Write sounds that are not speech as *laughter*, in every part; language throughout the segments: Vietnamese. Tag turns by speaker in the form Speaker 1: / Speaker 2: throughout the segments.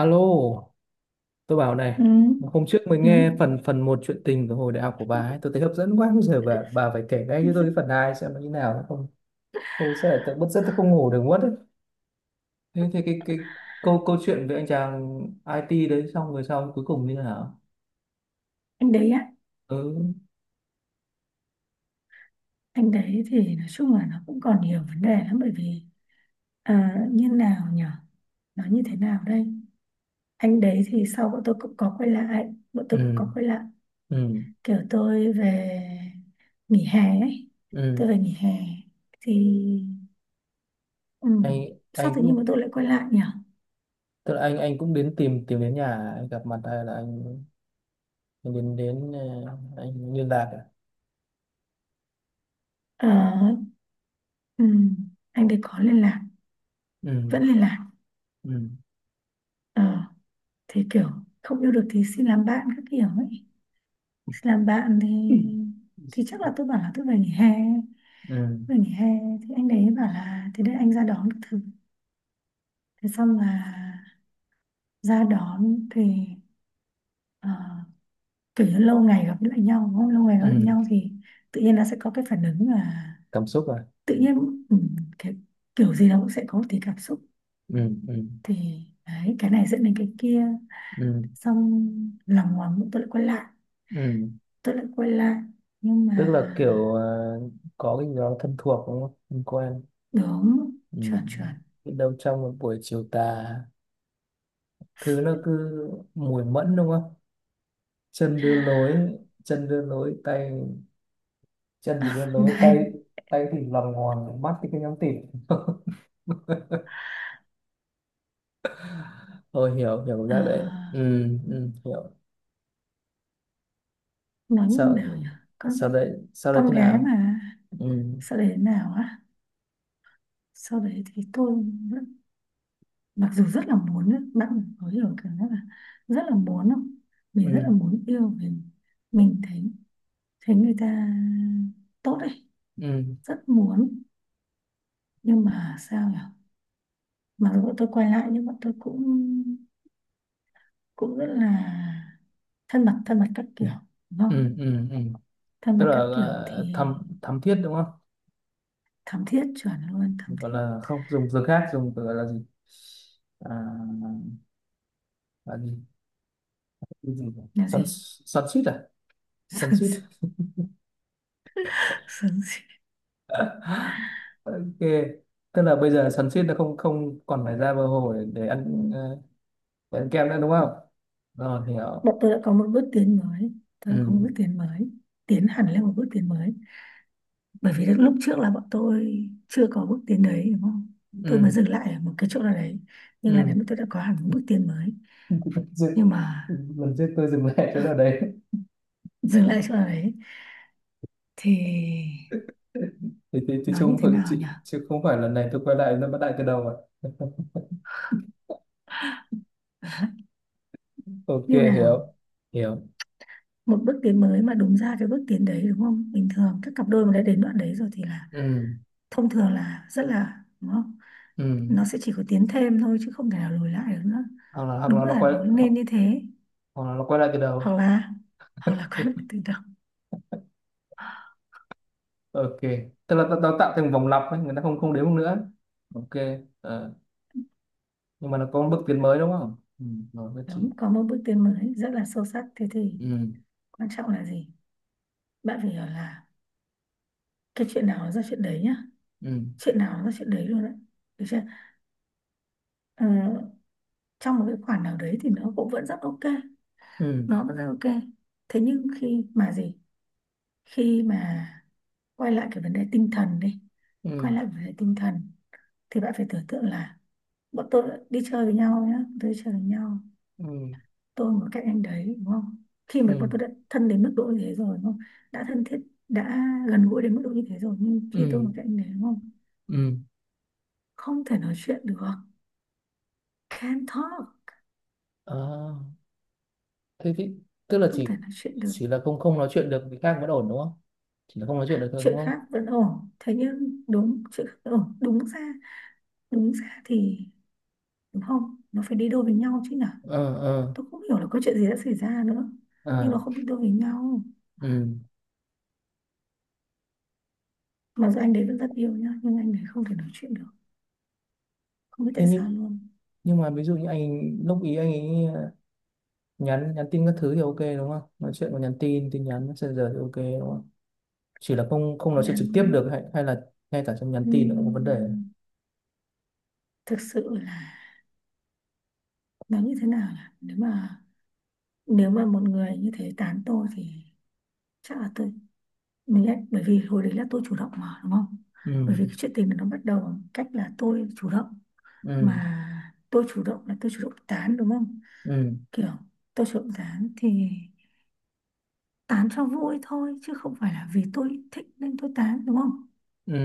Speaker 1: Alo, tôi bảo này,
Speaker 2: Ừ,
Speaker 1: hôm trước mới
Speaker 2: ừ.
Speaker 1: nghe phần phần một chuyện tình của hồi đại học của bà ấy, tôi thấy hấp dẫn quá, bây giờ bà phải kể ngay cho tôi cái phần
Speaker 2: *laughs*
Speaker 1: hai xem nó như nào, không tôi sẽ là tự bứt rứt tôi không ngủ được mất đấy. Thế thì cái câu câu chuyện về anh chàng IT đấy xong rồi sau cuối cùng như thế nào?
Speaker 2: Anh đấy á,
Speaker 1: Ừ,
Speaker 2: anh đấy thì nói chung là nó cũng còn nhiều vấn đề lắm. Bởi vì như nào nhở, nó như thế nào đây. Anh đấy thì sau bọn tôi cũng có quay lại,
Speaker 1: ừ, ừ,
Speaker 2: kiểu tôi về nghỉ hè ấy,
Speaker 1: ừ.
Speaker 2: tôi về nghỉ hè thì ừ,
Speaker 1: Anh
Speaker 2: sao
Speaker 1: anh
Speaker 2: tự nhiên
Speaker 1: cũng,
Speaker 2: bọn tôi lại quay lại nhở.
Speaker 1: tức là anh cũng đến tìm tìm đến nhà anh gặp mặt, hay là anh đến đến ờ, anh liên lạc à?
Speaker 2: Ờ, ừ, anh đấy có liên lạc,
Speaker 1: Ừ,
Speaker 2: vẫn liên lạc.
Speaker 1: ừ,
Speaker 2: Ờ, thì kiểu không yêu được thì xin làm bạn các kiểu ấy, làm bạn
Speaker 1: *laughs*
Speaker 2: thì chắc là tôi bảo là tôi về nghỉ hè,
Speaker 1: ừ,
Speaker 2: về nghỉ hè thì anh đấy bảo là thế để anh ra đón các thứ. Thế xong là ra đón thì ờ, kiểu như lâu ngày gặp lại nhau đúng không? Lâu ngày gặp lại
Speaker 1: ừ.
Speaker 2: nhau thì tự nhiên nó sẽ có cái phản ứng là
Speaker 1: Cảm xúc à?
Speaker 2: tự nhiên ừ, cái kiểu gì nó cũng sẽ có một tí cảm xúc.
Speaker 1: Ừ, ừ,
Speaker 2: Thì đấy, cái này dẫn đến cái kia,
Speaker 1: ừ,
Speaker 2: xong lòng ngoằng tôi lại quay lại,
Speaker 1: ừ.
Speaker 2: tôi lại quay lại nhưng mà
Speaker 1: Tức là kiểu à, có cái gì đó thân thuộc đúng không, thân quen.
Speaker 2: đúng,
Speaker 1: Ừ.
Speaker 2: chuẩn chuẩn.
Speaker 1: Biết đâu trong một buổi chiều tà thứ nó cứ mùi mẫn đúng không, chân đưa lối chân đưa lối tay chân thì đưa lối
Speaker 2: Này
Speaker 1: tay, tay thì lòng hoàng, mắt thì cứ nhắm tịt. *laughs* Tôi hiểu hiểu
Speaker 2: Ờ,
Speaker 1: ra đấy. Ừ, ừ, hiểu.
Speaker 2: nói như
Speaker 1: Sau
Speaker 2: nào nhỉ, con
Speaker 1: sau đấy Sau đấy
Speaker 2: con
Speaker 1: thế
Speaker 2: gái
Speaker 1: nào?
Speaker 2: mà.
Speaker 1: Ừ,
Speaker 2: Sau đấy thế nào á, sau đấy thì tôi vẫn-, mặc dù rất là muốn ấy, bạn có hiểu cảm giác là rất là muốn không, mình rất là
Speaker 1: ừ,
Speaker 2: muốn yêu mình thấy, thấy người ta tốt ấy,
Speaker 1: ừ,
Speaker 2: rất muốn. Nhưng mà sao nhỉ, mặc dù bọn tôi quay lại nhưng bọn tôi cũng cũng rất là thân mật, thân mật các kiểu, đúng không,
Speaker 1: ừ, ừ, ừ.
Speaker 2: thân
Speaker 1: Tức
Speaker 2: mật
Speaker 1: là
Speaker 2: các kiểu thì
Speaker 1: thăm thiết đúng không?
Speaker 2: thắm thiết, chuẩn luôn, thắm
Speaker 1: Gọi
Speaker 2: thiết.
Speaker 1: là không dùng từ khác, dùng từ gọi là gì, à, là gì? Cái gì nhỉ?
Speaker 2: Là
Speaker 1: Xoắn
Speaker 2: gì
Speaker 1: xoắn suýt à? Xoắn suýt.
Speaker 2: *laughs* sướng.
Speaker 1: *laughs* Ok, tức là bây giờ xoắn suýt nó không không còn phải ra bờ hồ để để ăn kem nữa đúng không? Rồi, hiểu.
Speaker 2: Bọn tôi đã có một bước tiến mới, tôi đã có một
Speaker 1: Ừ,
Speaker 2: bước tiến mới, tiến hẳn lên một bước tiến mới. Bởi vì lúc trước là bọn tôi chưa có bước tiến đấy đúng không, tôi
Speaker 1: ừ,
Speaker 2: mới dừng lại ở một cái chỗ nào đấy, nhưng
Speaker 1: ừ.
Speaker 2: là nếu mà tôi đã có hẳn một bước tiến mới.
Speaker 1: *laughs* Dừng.
Speaker 2: Nhưng mà
Speaker 1: Lần trước tôi dừng lại chỗ nào
Speaker 2: *laughs*
Speaker 1: đấy.
Speaker 2: dừng lại chỗ nào đấy thì
Speaker 1: *laughs* Thì chứ
Speaker 2: nói như
Speaker 1: không
Speaker 2: thế
Speaker 1: phải,
Speaker 2: nào
Speaker 1: chứ,
Speaker 2: nhỉ,
Speaker 1: chứ không phải lần này tôi quay lại nó bắt lại từ đầu rồi. Ok,
Speaker 2: như nào.
Speaker 1: hiểu hiểu.
Speaker 2: Một bước tiến mới mà đúng ra cái bước tiến đấy đúng không, bình thường các cặp đôi mà đã đến đoạn đấy rồi thì là
Speaker 1: Ừ,
Speaker 2: thông thường là rất là đúng không,
Speaker 1: ừ,
Speaker 2: nó sẽ chỉ có tiến thêm thôi chứ không thể nào lùi lại được nữa.
Speaker 1: hoặc là hoặc
Speaker 2: Đúng
Speaker 1: là nó
Speaker 2: là
Speaker 1: quay
Speaker 2: nó
Speaker 1: hoặc,
Speaker 2: nên như thế,
Speaker 1: hoặc là nó quay lại từ
Speaker 2: hoặc
Speaker 1: đầu.
Speaker 2: là hoặc là quay lại từ đầu.
Speaker 1: Ok, tức là nó tạo thành vòng lặp ấy, người ta không không đếm nữa. Ok, ờ, nhưng mà nó có một bước tiến mới đúng không? Ừ, rồi, nhất trí.
Speaker 2: Đúng, có một bước tiến mới rất là sâu sắc. Thế thì
Speaker 1: Ừ,
Speaker 2: quan trọng là gì, bạn phải hiểu là cái chuyện nào nó ra chuyện đấy nhá,
Speaker 1: ừ,
Speaker 2: chuyện nào nó ra chuyện đấy luôn đấy, được chưa. Ờ, Trong một cái khoản nào đấy thì nó cũng vẫn rất ok,
Speaker 1: ừ,
Speaker 2: nó vẫn rất ok. Thế nhưng khi mà gì, khi mà quay lại cái vấn đề tinh thần đi,
Speaker 1: ừ,
Speaker 2: quay lại vấn đề tinh thần thì bạn phải tưởng tượng là bọn tôi đi chơi với nhau nhá, tôi đi chơi với nhau,
Speaker 1: ừ,
Speaker 2: tôi mà các anh đấy đúng không, khi mà bọn
Speaker 1: ừ,
Speaker 2: tôi đã thân đến mức độ như thế rồi đúng không, đã thân thiết, đã gần gũi đến mức độ như thế rồi nhưng
Speaker 1: ừ,
Speaker 2: khi tôi mà các anh đấy đúng không,
Speaker 1: ừ.
Speaker 2: không thể nói chuyện được, can't talk,
Speaker 1: À, thế thì, tức là
Speaker 2: không
Speaker 1: chỉ
Speaker 2: thể nói chuyện được.
Speaker 1: chỉ là không không nói chuyện được với khác vẫn ổn đúng không, chỉ là không nói chuyện được thôi đúng
Speaker 2: Chuyện
Speaker 1: không?
Speaker 2: khác vẫn ổn, thế nhưng đúng chuyện khác vẫn ổn, đúng ra, đúng ra thì đúng không, nó phải đi đôi với nhau chứ nhở.
Speaker 1: Ờ, ờ,
Speaker 2: Tôi không hiểu là có chuyện gì đã xảy ra nữa, nhưng
Speaker 1: ờ,
Speaker 2: nó không đi đôi với nhau.
Speaker 1: ừ.
Speaker 2: Mặc dù anh đấy vẫn rất yêu nhá, nhưng anh đấy không thể nói chuyện được, không biết
Speaker 1: Thế
Speaker 2: tại sao
Speaker 1: nhưng
Speaker 2: luôn.
Speaker 1: nhưng mà ví dụ như anh lúc ý anh ấy nhắn nhắn tin các thứ thì ok đúng không, nói chuyện có nhắn tin tin nhắn messenger thì ok đúng không, chỉ là không không nói chuyện
Speaker 2: Nhắn
Speaker 1: trực tiếp được, hay hay là ngay cả trong nhắn tin nó cũng có vấn đề.
Speaker 2: ừm, thực sự là nó như thế nào, là nếu mà, nếu mà một người như thế tán tôi thì chắc là tôi mình lại. Bởi vì hồi đấy là tôi chủ động mà đúng không,
Speaker 1: Ừ,
Speaker 2: bởi vì cái chuyện tình nó bắt đầu bằng cách là tôi chủ động,
Speaker 1: ừ,
Speaker 2: mà tôi chủ động là tôi chủ động tán đúng không,
Speaker 1: ừ,
Speaker 2: kiểu tôi chủ động tán thì tán cho vui thôi chứ không phải là vì tôi thích nên tôi tán đúng không.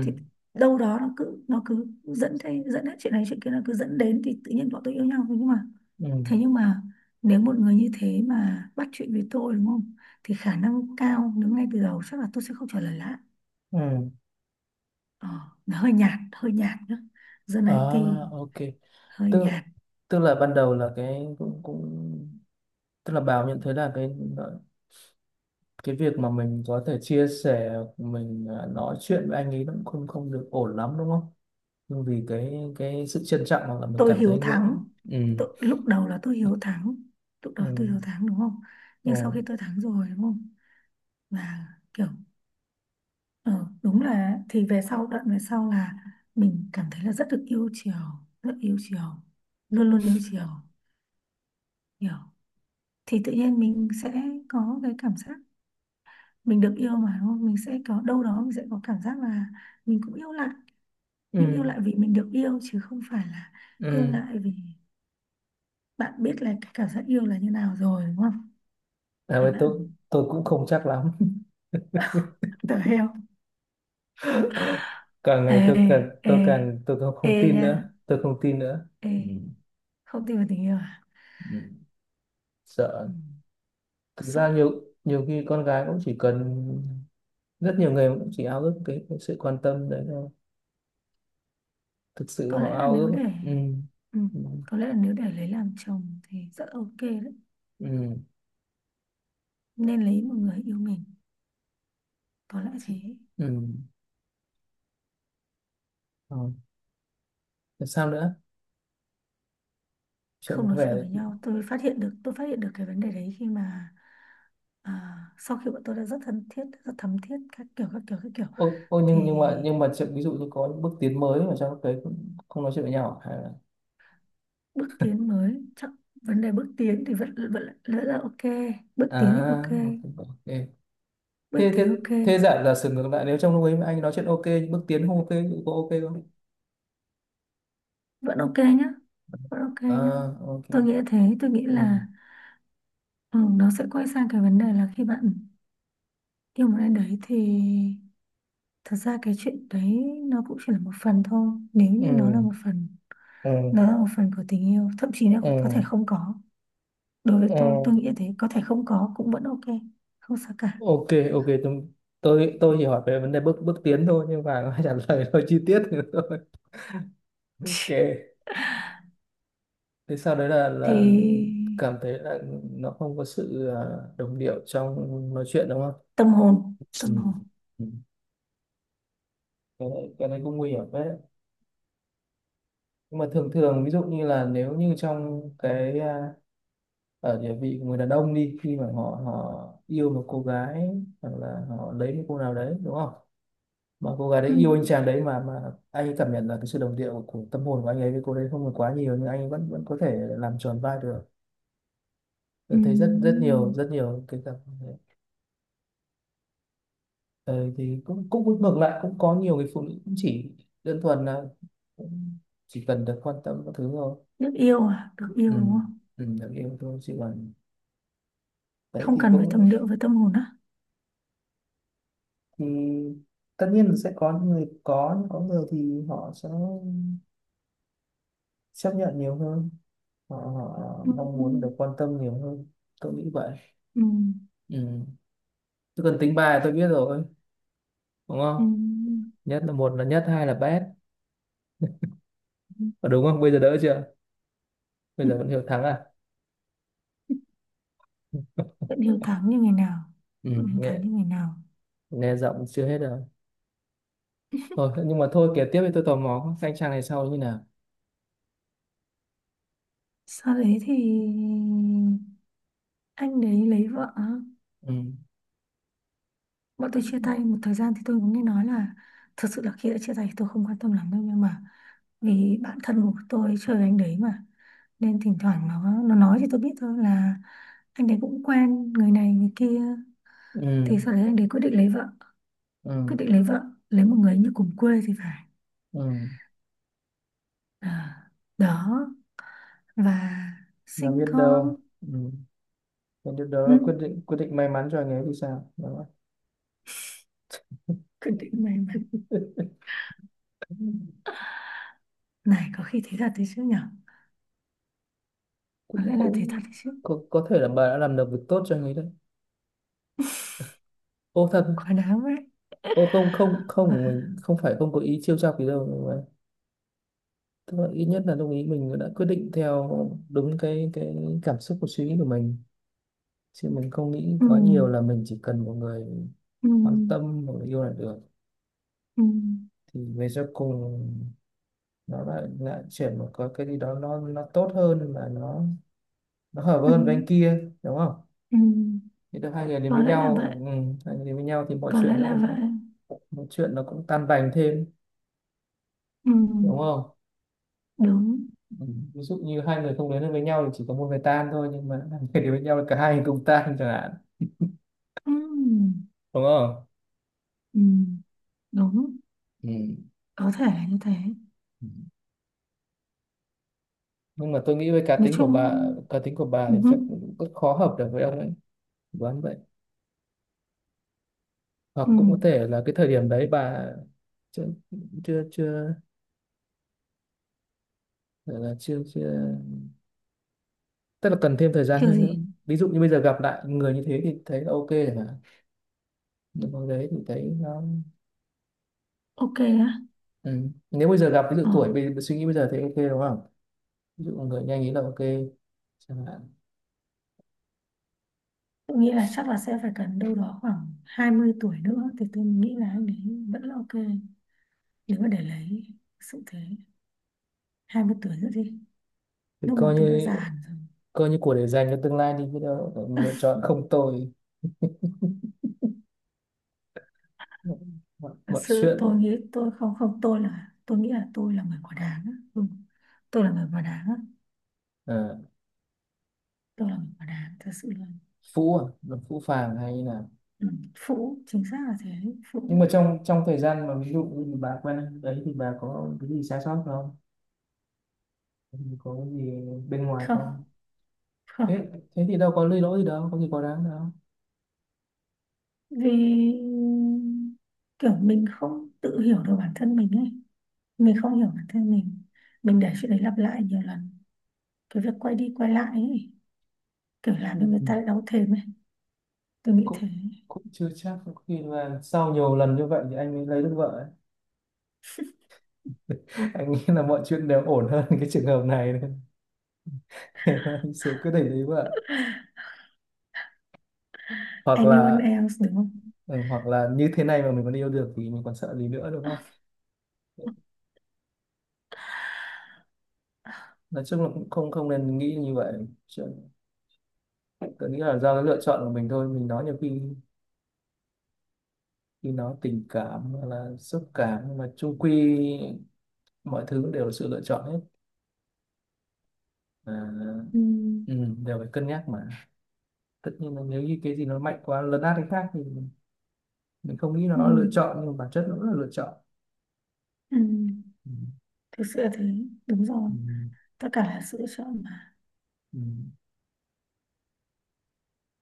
Speaker 2: Thì đâu đó nó cứ dẫn thế, dẫn hết chuyện này chuyện kia, nó cứ dẫn đến thì tự nhiên bọn tôi yêu nhau thôi. Nhưng mà
Speaker 1: ừ,
Speaker 2: thế nhưng mà nếu một người như thế mà bắt chuyện với tôi đúng không, thì khả năng cao nếu ngay từ đầu chắc là tôi sẽ không trả lời lại.
Speaker 1: ừ.
Speaker 2: ờ, nó hơi nhạt, hơi nhạt nhá, dân
Speaker 1: À,
Speaker 2: IT,
Speaker 1: ok,
Speaker 2: hơi
Speaker 1: tức
Speaker 2: nhạt.
Speaker 1: tức là ban đầu là cái cũng cũng tức là Bảo nhận thấy là cái việc mà mình có thể chia sẻ, nói chuyện với anh ấy nó cũng không không được ổn lắm đúng không, nhưng vì cái sự trân trọng, hoặc là mình
Speaker 2: Tôi
Speaker 1: cảm
Speaker 2: hiếu
Speaker 1: thấy nghệ.
Speaker 2: thắng,
Speaker 1: Ừ.
Speaker 2: tôi, lúc đầu là tôi hiếu thắng, lúc đầu tôi
Speaker 1: Ừ.
Speaker 2: hiếu thắng đúng không, nhưng sau
Speaker 1: Ừ.
Speaker 2: khi tôi thắng rồi đúng không, là kiểu Ừ, đúng là thì về sau, đoạn về sau là mình cảm thấy là rất được yêu chiều, rất yêu chiều, luôn luôn yêu chiều, hiểu. Thì tự nhiên mình sẽ có cái cảm giác mình được yêu mà đúng không, mình sẽ có đâu đó, mình sẽ có cảm giác là mình cũng yêu lại. Nhưng yêu
Speaker 1: Ừ.
Speaker 2: lại vì mình được yêu chứ không phải là yêu
Speaker 1: Ừ.
Speaker 2: lại vì, bạn biết là cái cảm giác yêu là như nào rồi đúng không,
Speaker 1: À,
Speaker 2: là
Speaker 1: với tôi
Speaker 2: bạn
Speaker 1: tôi cũng không chắc lắm. *laughs*
Speaker 2: tở heo.
Speaker 1: Càng ngày tôi càng
Speaker 2: Ê, ê,
Speaker 1: tôi càng tôi không,
Speaker 2: ê
Speaker 1: không tin
Speaker 2: nha,
Speaker 1: nữa, tôi không tin nữa.
Speaker 2: ê,
Speaker 1: Ừ.
Speaker 2: không tin vào tình yêu à,
Speaker 1: Ừ. Sợ.
Speaker 2: ừ,
Speaker 1: Thực
Speaker 2: sợ.
Speaker 1: ra nhiều nhiều khi con gái cũng chỉ cần, rất nhiều người cũng chỉ ao ước cái sự quan tâm đấy thôi, thực sự
Speaker 2: Có
Speaker 1: họ
Speaker 2: lẽ là
Speaker 1: ao
Speaker 2: nếu
Speaker 1: ước.
Speaker 2: để
Speaker 1: Ừ.
Speaker 2: ừ,
Speaker 1: Ừ.
Speaker 2: có lẽ là nếu để lấy làm chồng thì rất ok đấy,
Speaker 1: Ừ.
Speaker 2: nên lấy một người yêu mình, có lẽ thế.
Speaker 1: Ừ. Ừ. Rồi. Thế sao nữa, chuyện
Speaker 2: Không nói chuyện
Speaker 1: về…
Speaker 2: với nhau, tôi phát hiện được, tôi phát hiện được cái vấn đề đấy khi mà sau khi bọn tôi đã rất thân thiết, rất thấm thiết các kiểu các kiểu các kiểu.
Speaker 1: Ô,
Speaker 2: Thì
Speaker 1: nhưng mà chuyện ví dụ như có những bước tiến mới mà trong cái cũng không nói chuyện với nhau à, hay là?
Speaker 2: bước tiến mới chắc, vấn đề bước tiến thì vẫn vẫn vẫn là ok, bước tiến thì
Speaker 1: À,
Speaker 2: ok,
Speaker 1: ok, ok.
Speaker 2: bước
Speaker 1: thế thế
Speaker 2: tiến ok.
Speaker 1: thế giả giả sử ngược lại nếu trong lúc ấy mà anh nói chuyện ok, bước tiến không ok thì có ok không?
Speaker 2: Vẫn ok nhá, vẫn ok nhá,
Speaker 1: À, ok.
Speaker 2: tôi nghĩ thế, tôi nghĩ
Speaker 1: Ừ,
Speaker 2: là Ừ, nó sẽ quay sang cái vấn đề là khi bạn yêu một ai đấy thì thật ra cái chuyện đấy nó cũng chỉ là một phần thôi. Nếu
Speaker 1: ừ,
Speaker 2: như nó là một phần,
Speaker 1: ừ,
Speaker 2: nó là một phần của tình yêu, thậm chí nó
Speaker 1: ừ,
Speaker 2: có thể không có. Đối với
Speaker 1: ừ.
Speaker 2: tôi nghĩ thế, có thể không có cũng vẫn ok, không sao cả.
Speaker 1: Ok, ok, tôi chỉ hỏi về vấn đề bước bước tiến thôi, nhưng mà *laughs* trả lời nó chi tiết nữa thôi. Ok,
Speaker 2: *laughs*
Speaker 1: thế sau đấy là
Speaker 2: Thì
Speaker 1: cảm thấy là nó không có sự đồng điệu trong nói chuyện đúng không?
Speaker 2: tâm hồn,
Speaker 1: Ừ.
Speaker 2: tâm hồn.
Speaker 1: Ừ. Cái này cũng nguy hiểm đấy. Nhưng mà thường thường ví dụ như là nếu như trong cái ở địa vị của người đàn ông đi, khi mà họ họ yêu một cô gái hoặc là họ lấy một cô nào đấy đúng không, mà cô gái
Speaker 2: Ừ.
Speaker 1: đấy yêu anh chàng đấy, mà anh ấy cảm nhận là cái sự đồng điệu của tâm hồn của anh ấy với cô đấy không còn quá nhiều, nhưng anh ấy vẫn vẫn có thể làm tròn vai được.
Speaker 2: Ừ.
Speaker 1: Tôi thấy rất rất nhiều cái cặp. Ờ, thì cũng cũng ngược lại, cũng có nhiều người phụ nữ cũng chỉ đơn thuần là cũng chỉ cần được quan tâm các thứ thôi.
Speaker 2: Được yêu à, được
Speaker 1: Ừ,
Speaker 2: yêu đúng không,
Speaker 1: ừ, được yêu thôi, chứ còn đấy
Speaker 2: không
Speaker 1: thì
Speaker 2: cần phải
Speaker 1: cũng,
Speaker 2: tầm điệu với tâm hồn á.
Speaker 1: thì tất nhiên là sẽ có người có, nhưng có người thì họ sẽ chấp nhận nhiều hơn, họ mong muốn được
Speaker 2: Ừ.
Speaker 1: quan tâm nhiều hơn. Tôi nghĩ vậy.
Speaker 2: Ừ.
Speaker 1: Ừ. Chứ còn tính bài tôi biết rồi đúng
Speaker 2: Ừ.
Speaker 1: không, nhất là một là nhất, hai là bét. Ờ, đúng không, bây giờ đỡ chưa, bây giờ vẫn
Speaker 2: *laughs*
Speaker 1: hiểu thắng à?
Speaker 2: Vẫn hiếu thắng như ngày nào,
Speaker 1: Ừ.
Speaker 2: vẫn hiếu
Speaker 1: nghe
Speaker 2: thắng như ngày nào.
Speaker 1: nghe giọng chưa hết rồi. Thôi nhưng mà thôi, kể tiếp, thì tôi tò mò các anh chàng này sau như nào.
Speaker 2: Sau đấy thì anh đấy lấy vợ,
Speaker 1: Ừ.
Speaker 2: bọn tôi chia tay một thời gian thì tôi cũng nghe nói là, thật sự là khi đã chia tay thì tôi không quan tâm lắm đâu, nhưng mà vì bạn thân của tôi chơi với anh đấy mà, nên thỉnh thoảng nó nói thì tôi biết thôi là anh đấy cũng quen người này người kia. Thì
Speaker 1: Ừ,
Speaker 2: sau đấy anh đấy quyết định lấy vợ, quyết
Speaker 1: ừ,
Speaker 2: định lấy vợ, lấy một người như cùng quê thì phải,
Speaker 1: ừ,
Speaker 2: à, đó, và
Speaker 1: là
Speaker 2: sinh
Speaker 1: biết
Speaker 2: con.
Speaker 1: đâu. Ừ. Biết đâu đó là
Speaker 2: Ừ,
Speaker 1: quyết định may mắn cho anh ấy thì sao đó.
Speaker 2: quyết định may mắn. Này, có khi thế thật đấy chứ nhở. Có
Speaker 1: cũng
Speaker 2: lẽ là thế thật
Speaker 1: cũng
Speaker 2: đấy chứ.
Speaker 1: có thể là bà đã làm được việc tốt cho anh ấy đấy. Ô thật.
Speaker 2: Quá đáng đấy.
Speaker 1: Ô, không, không, không,
Speaker 2: Quá...
Speaker 1: của mình không phải, không có ý trêu chọc gì đâu, nhưng mà tức là ít nhất là đồng ý mình đã quyết định theo đúng cái cảm xúc của suy nghĩ của mình, chứ mình không nghĩ
Speaker 2: Ừ,
Speaker 1: quá nhiều là mình chỉ cần một người
Speaker 2: ừ,
Speaker 1: quan tâm, một người yêu là được,
Speaker 2: ừ,
Speaker 1: thì về sau cùng nó lại lại chuyển một cái gì đó, nó tốt hơn mà nó hợp
Speaker 2: ừ,
Speaker 1: hơn với anh kia đúng không?
Speaker 2: ừ.
Speaker 1: Thì được hai người đến
Speaker 2: Có
Speaker 1: với
Speaker 2: lẽ là vậy.
Speaker 1: nhau. Ừ, hai người đến với nhau thì
Speaker 2: Có lẽ là vậy.
Speaker 1: mọi chuyện nó cũng tan tành thêm
Speaker 2: Ừ,
Speaker 1: đúng không?
Speaker 2: đúng.
Speaker 1: Ừ. Ví dụ như hai người không đến được với nhau thì chỉ có một người tan thôi, nhưng mà hai người đến với nhau thì cả hai người cùng tan chẳng hạn
Speaker 2: Ừ,
Speaker 1: đúng không?
Speaker 2: ừ, đúng.
Speaker 1: Ừ.
Speaker 2: Có thể là như thế.
Speaker 1: Ừ. Nhưng mà tôi nghĩ với
Speaker 2: Nói chung
Speaker 1: cá tính của bà
Speaker 2: ừ,
Speaker 1: thì
Speaker 2: ừ.
Speaker 1: chắc cũng rất khó hợp được với ông ấy. Đoán vậy. Hoặc
Speaker 2: Ừ.
Speaker 1: cũng có thể là cái thời điểm đấy bà chưa chưa chưa gọi là chưa chưa tức là cần thêm thời gian
Speaker 2: Kiểu
Speaker 1: hơn nữa.
Speaker 2: gì.
Speaker 1: Ví dụ như bây giờ gặp lại người như thế thì thấy là ok rồi, mà hồi đấy thì thấy nó…
Speaker 2: Ok á.
Speaker 1: Ừ. Nếu bây giờ gặp ví dụ
Speaker 2: Ờ.
Speaker 1: tuổi bây suy nghĩ bây giờ thì ok đúng không, ví dụ người nhanh ý là ok chẳng hạn.
Speaker 2: Tôi nghĩ là chắc là sẽ phải cần đâu đó khoảng 20 tuổi nữa thì tôi nghĩ là anh ấy vẫn là ok, nếu mà để lấy, sự thế, 20 tuổi nữa đi,
Speaker 1: Thì
Speaker 2: lúc mà tôi đã già hẳn rồi.
Speaker 1: coi như của để dành cho tương lai đi, biết đâu mình lựa chọn không tồi. mọi,
Speaker 2: Thật
Speaker 1: mọi
Speaker 2: sự tôi
Speaker 1: chuyện
Speaker 2: nghĩ tôi không không, tôi là tôi nghĩ là tôi là người quả đáng á. Ừ. Tôi là người quả đáng á,
Speaker 1: ờ,
Speaker 2: tôi là người quả đáng, thật sự là
Speaker 1: phũ à, nó phũ phàng hay là…
Speaker 2: ừ. Phụ, chính xác là thế,
Speaker 1: Nhưng
Speaker 2: phụ.
Speaker 1: mà trong trong thời gian mà ví dụ như bà quen anh đấy thì bà có cái gì sai sót không, có cái gì bên ngoài
Speaker 2: Không,
Speaker 1: không? thế,
Speaker 2: không.
Speaker 1: thế thì đâu có lỗi gì, đâu có gì quá đáng đâu.
Speaker 2: Vì kiểu mình không tự hiểu được bản thân mình ấy, mình không hiểu bản thân mình để chuyện đấy lặp lại nhiều lần, cái việc quay đi quay lại ấy, kiểu làm cho người
Speaker 1: Ừ.
Speaker 2: ta đau thêm ấy, tôi nghĩ thế.
Speaker 1: cũng cũng chưa chắc, có khi là sau nhiều lần như vậy thì anh mới lấy được vợ ấy. *laughs* Anh nghĩ là mọi chuyện đều ổn hơn cái trường hợp này, nên *laughs* nên anh sẽ quyết định lấy vợ. Hoặc
Speaker 2: Anyone
Speaker 1: là,
Speaker 2: else đúng không.
Speaker 1: ừ, hoặc là như thế này mà mình còn yêu được thì mình còn sợ gì nữa đúng không. Nói chung là cũng không không nên nghĩ như vậy. Chuyện, tôi nghĩ là do cái lựa chọn của mình thôi, mình nói nhiều khi khi nói tình cảm hoặc là xúc cảm, nhưng mà chung quy mọi thứ đều là sự lựa chọn hết. À,
Speaker 2: Ừ.
Speaker 1: ừ, đều phải cân nhắc mà. Tất nhiên là nếu như cái gì nó mạnh quá lấn át cái khác thì mình không nghĩ
Speaker 2: Ừ,
Speaker 1: nó lựa chọn, nhưng bản chất nó cũng là lựa chọn.
Speaker 2: ừ,
Speaker 1: Ừ.
Speaker 2: thực sự là thế, đúng rồi,
Speaker 1: Ừ.
Speaker 2: tất cả là sự chọn mà,
Speaker 1: Ừ.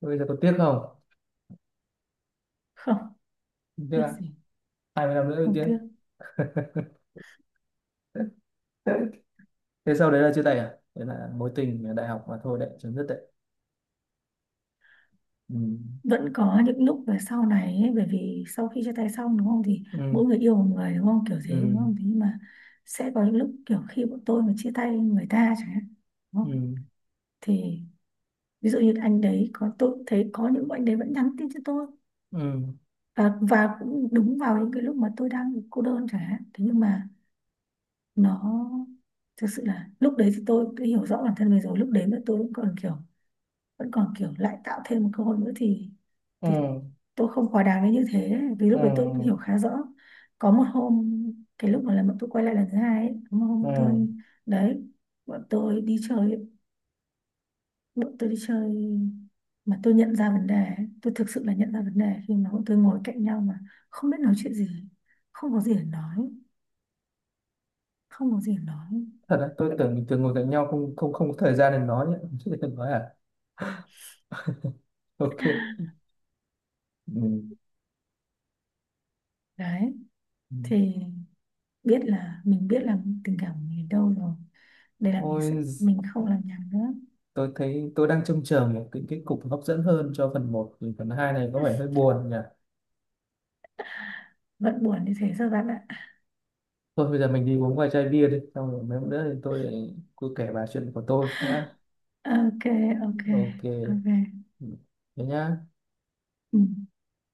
Speaker 1: Bây giờ có tiếc không?
Speaker 2: không,
Speaker 1: Không tiếc
Speaker 2: tiếc
Speaker 1: à?
Speaker 2: gì,
Speaker 1: 20 năm nữa mới
Speaker 2: không
Speaker 1: tiếc.
Speaker 2: tiếc.
Speaker 1: *laughs* Thế sau đấy là chia tay à, đấy là mối tình ở đại học mà thôi đấy, chấm dứt đấy. Ừ.
Speaker 2: Vẫn có những lúc về sau này ấy, bởi vì sau khi chia tay xong đúng không, thì
Speaker 1: Ừ.
Speaker 2: mỗi người yêu một người đúng không, kiểu thế đúng
Speaker 1: Ừ.
Speaker 2: không, thế nhưng mà sẽ có những lúc kiểu khi bọn tôi mà chia tay người ta chẳng hạn, đúng không,
Speaker 1: Ừ.
Speaker 2: thì ví dụ như anh đấy, có tôi cũng thấy có những anh đấy vẫn nhắn tin cho tôi,
Speaker 1: Ừ.
Speaker 2: và cũng đúng vào những cái lúc mà tôi đang cô đơn chẳng hạn, thế nhưng mà nó thực sự là lúc đấy thì tôi đã hiểu rõ bản thân mình rồi, lúc đấy mà tôi vẫn còn kiểu, vẫn còn kiểu lại tạo thêm một cơ hội nữa thì
Speaker 1: Ừ.
Speaker 2: tôi không quá đáng đến như thế, vì lúc đấy tôi cũng
Speaker 1: Ừ.
Speaker 2: hiểu khá rõ. Có một hôm, cái lúc mà là bọn tôi quay lại lần thứ hai ấy, có một hôm
Speaker 1: Ừ.
Speaker 2: bọn tôi, đấy, bọn tôi đi chơi ấy, bọn tôi đi chơi mà tôi nhận ra vấn đề ấy, tôi thực sự là nhận ra vấn đề khi mà bọn tôi ngồi cạnh nhau mà không biết nói chuyện gì, không có gì để nói, không có gì để nói.
Speaker 1: Thật đấy, tôi tưởng mình thường ngồi cạnh nhau không không không có thời gian để nói nhé, chứ đừng nói à. Ok. Ừ.
Speaker 2: Đấy
Speaker 1: Ừ.
Speaker 2: thì biết là mình biết là tình cảm của mình ở đâu rồi, đây là mình sẽ
Speaker 1: Ôi,
Speaker 2: mình không làm nhảm nữa.
Speaker 1: tôi thấy tôi đang trông chờ một cái kết cục hấp dẫn hơn cho phần một, thì phần 2 này có vẻ hơi buồn nhỉ.
Speaker 2: Vẫn buồn như thế rồi bạn ạ.
Speaker 1: Thôi bây giờ mình đi uống vài chai bia đi, xong rồi mấy hôm nữa thì tôi lại cứ kể bà chuyện của tôi nhá.
Speaker 2: Ok, ok,
Speaker 1: Ok.
Speaker 2: ok.
Speaker 1: Ừ, thế nhá.
Speaker 2: Ừ.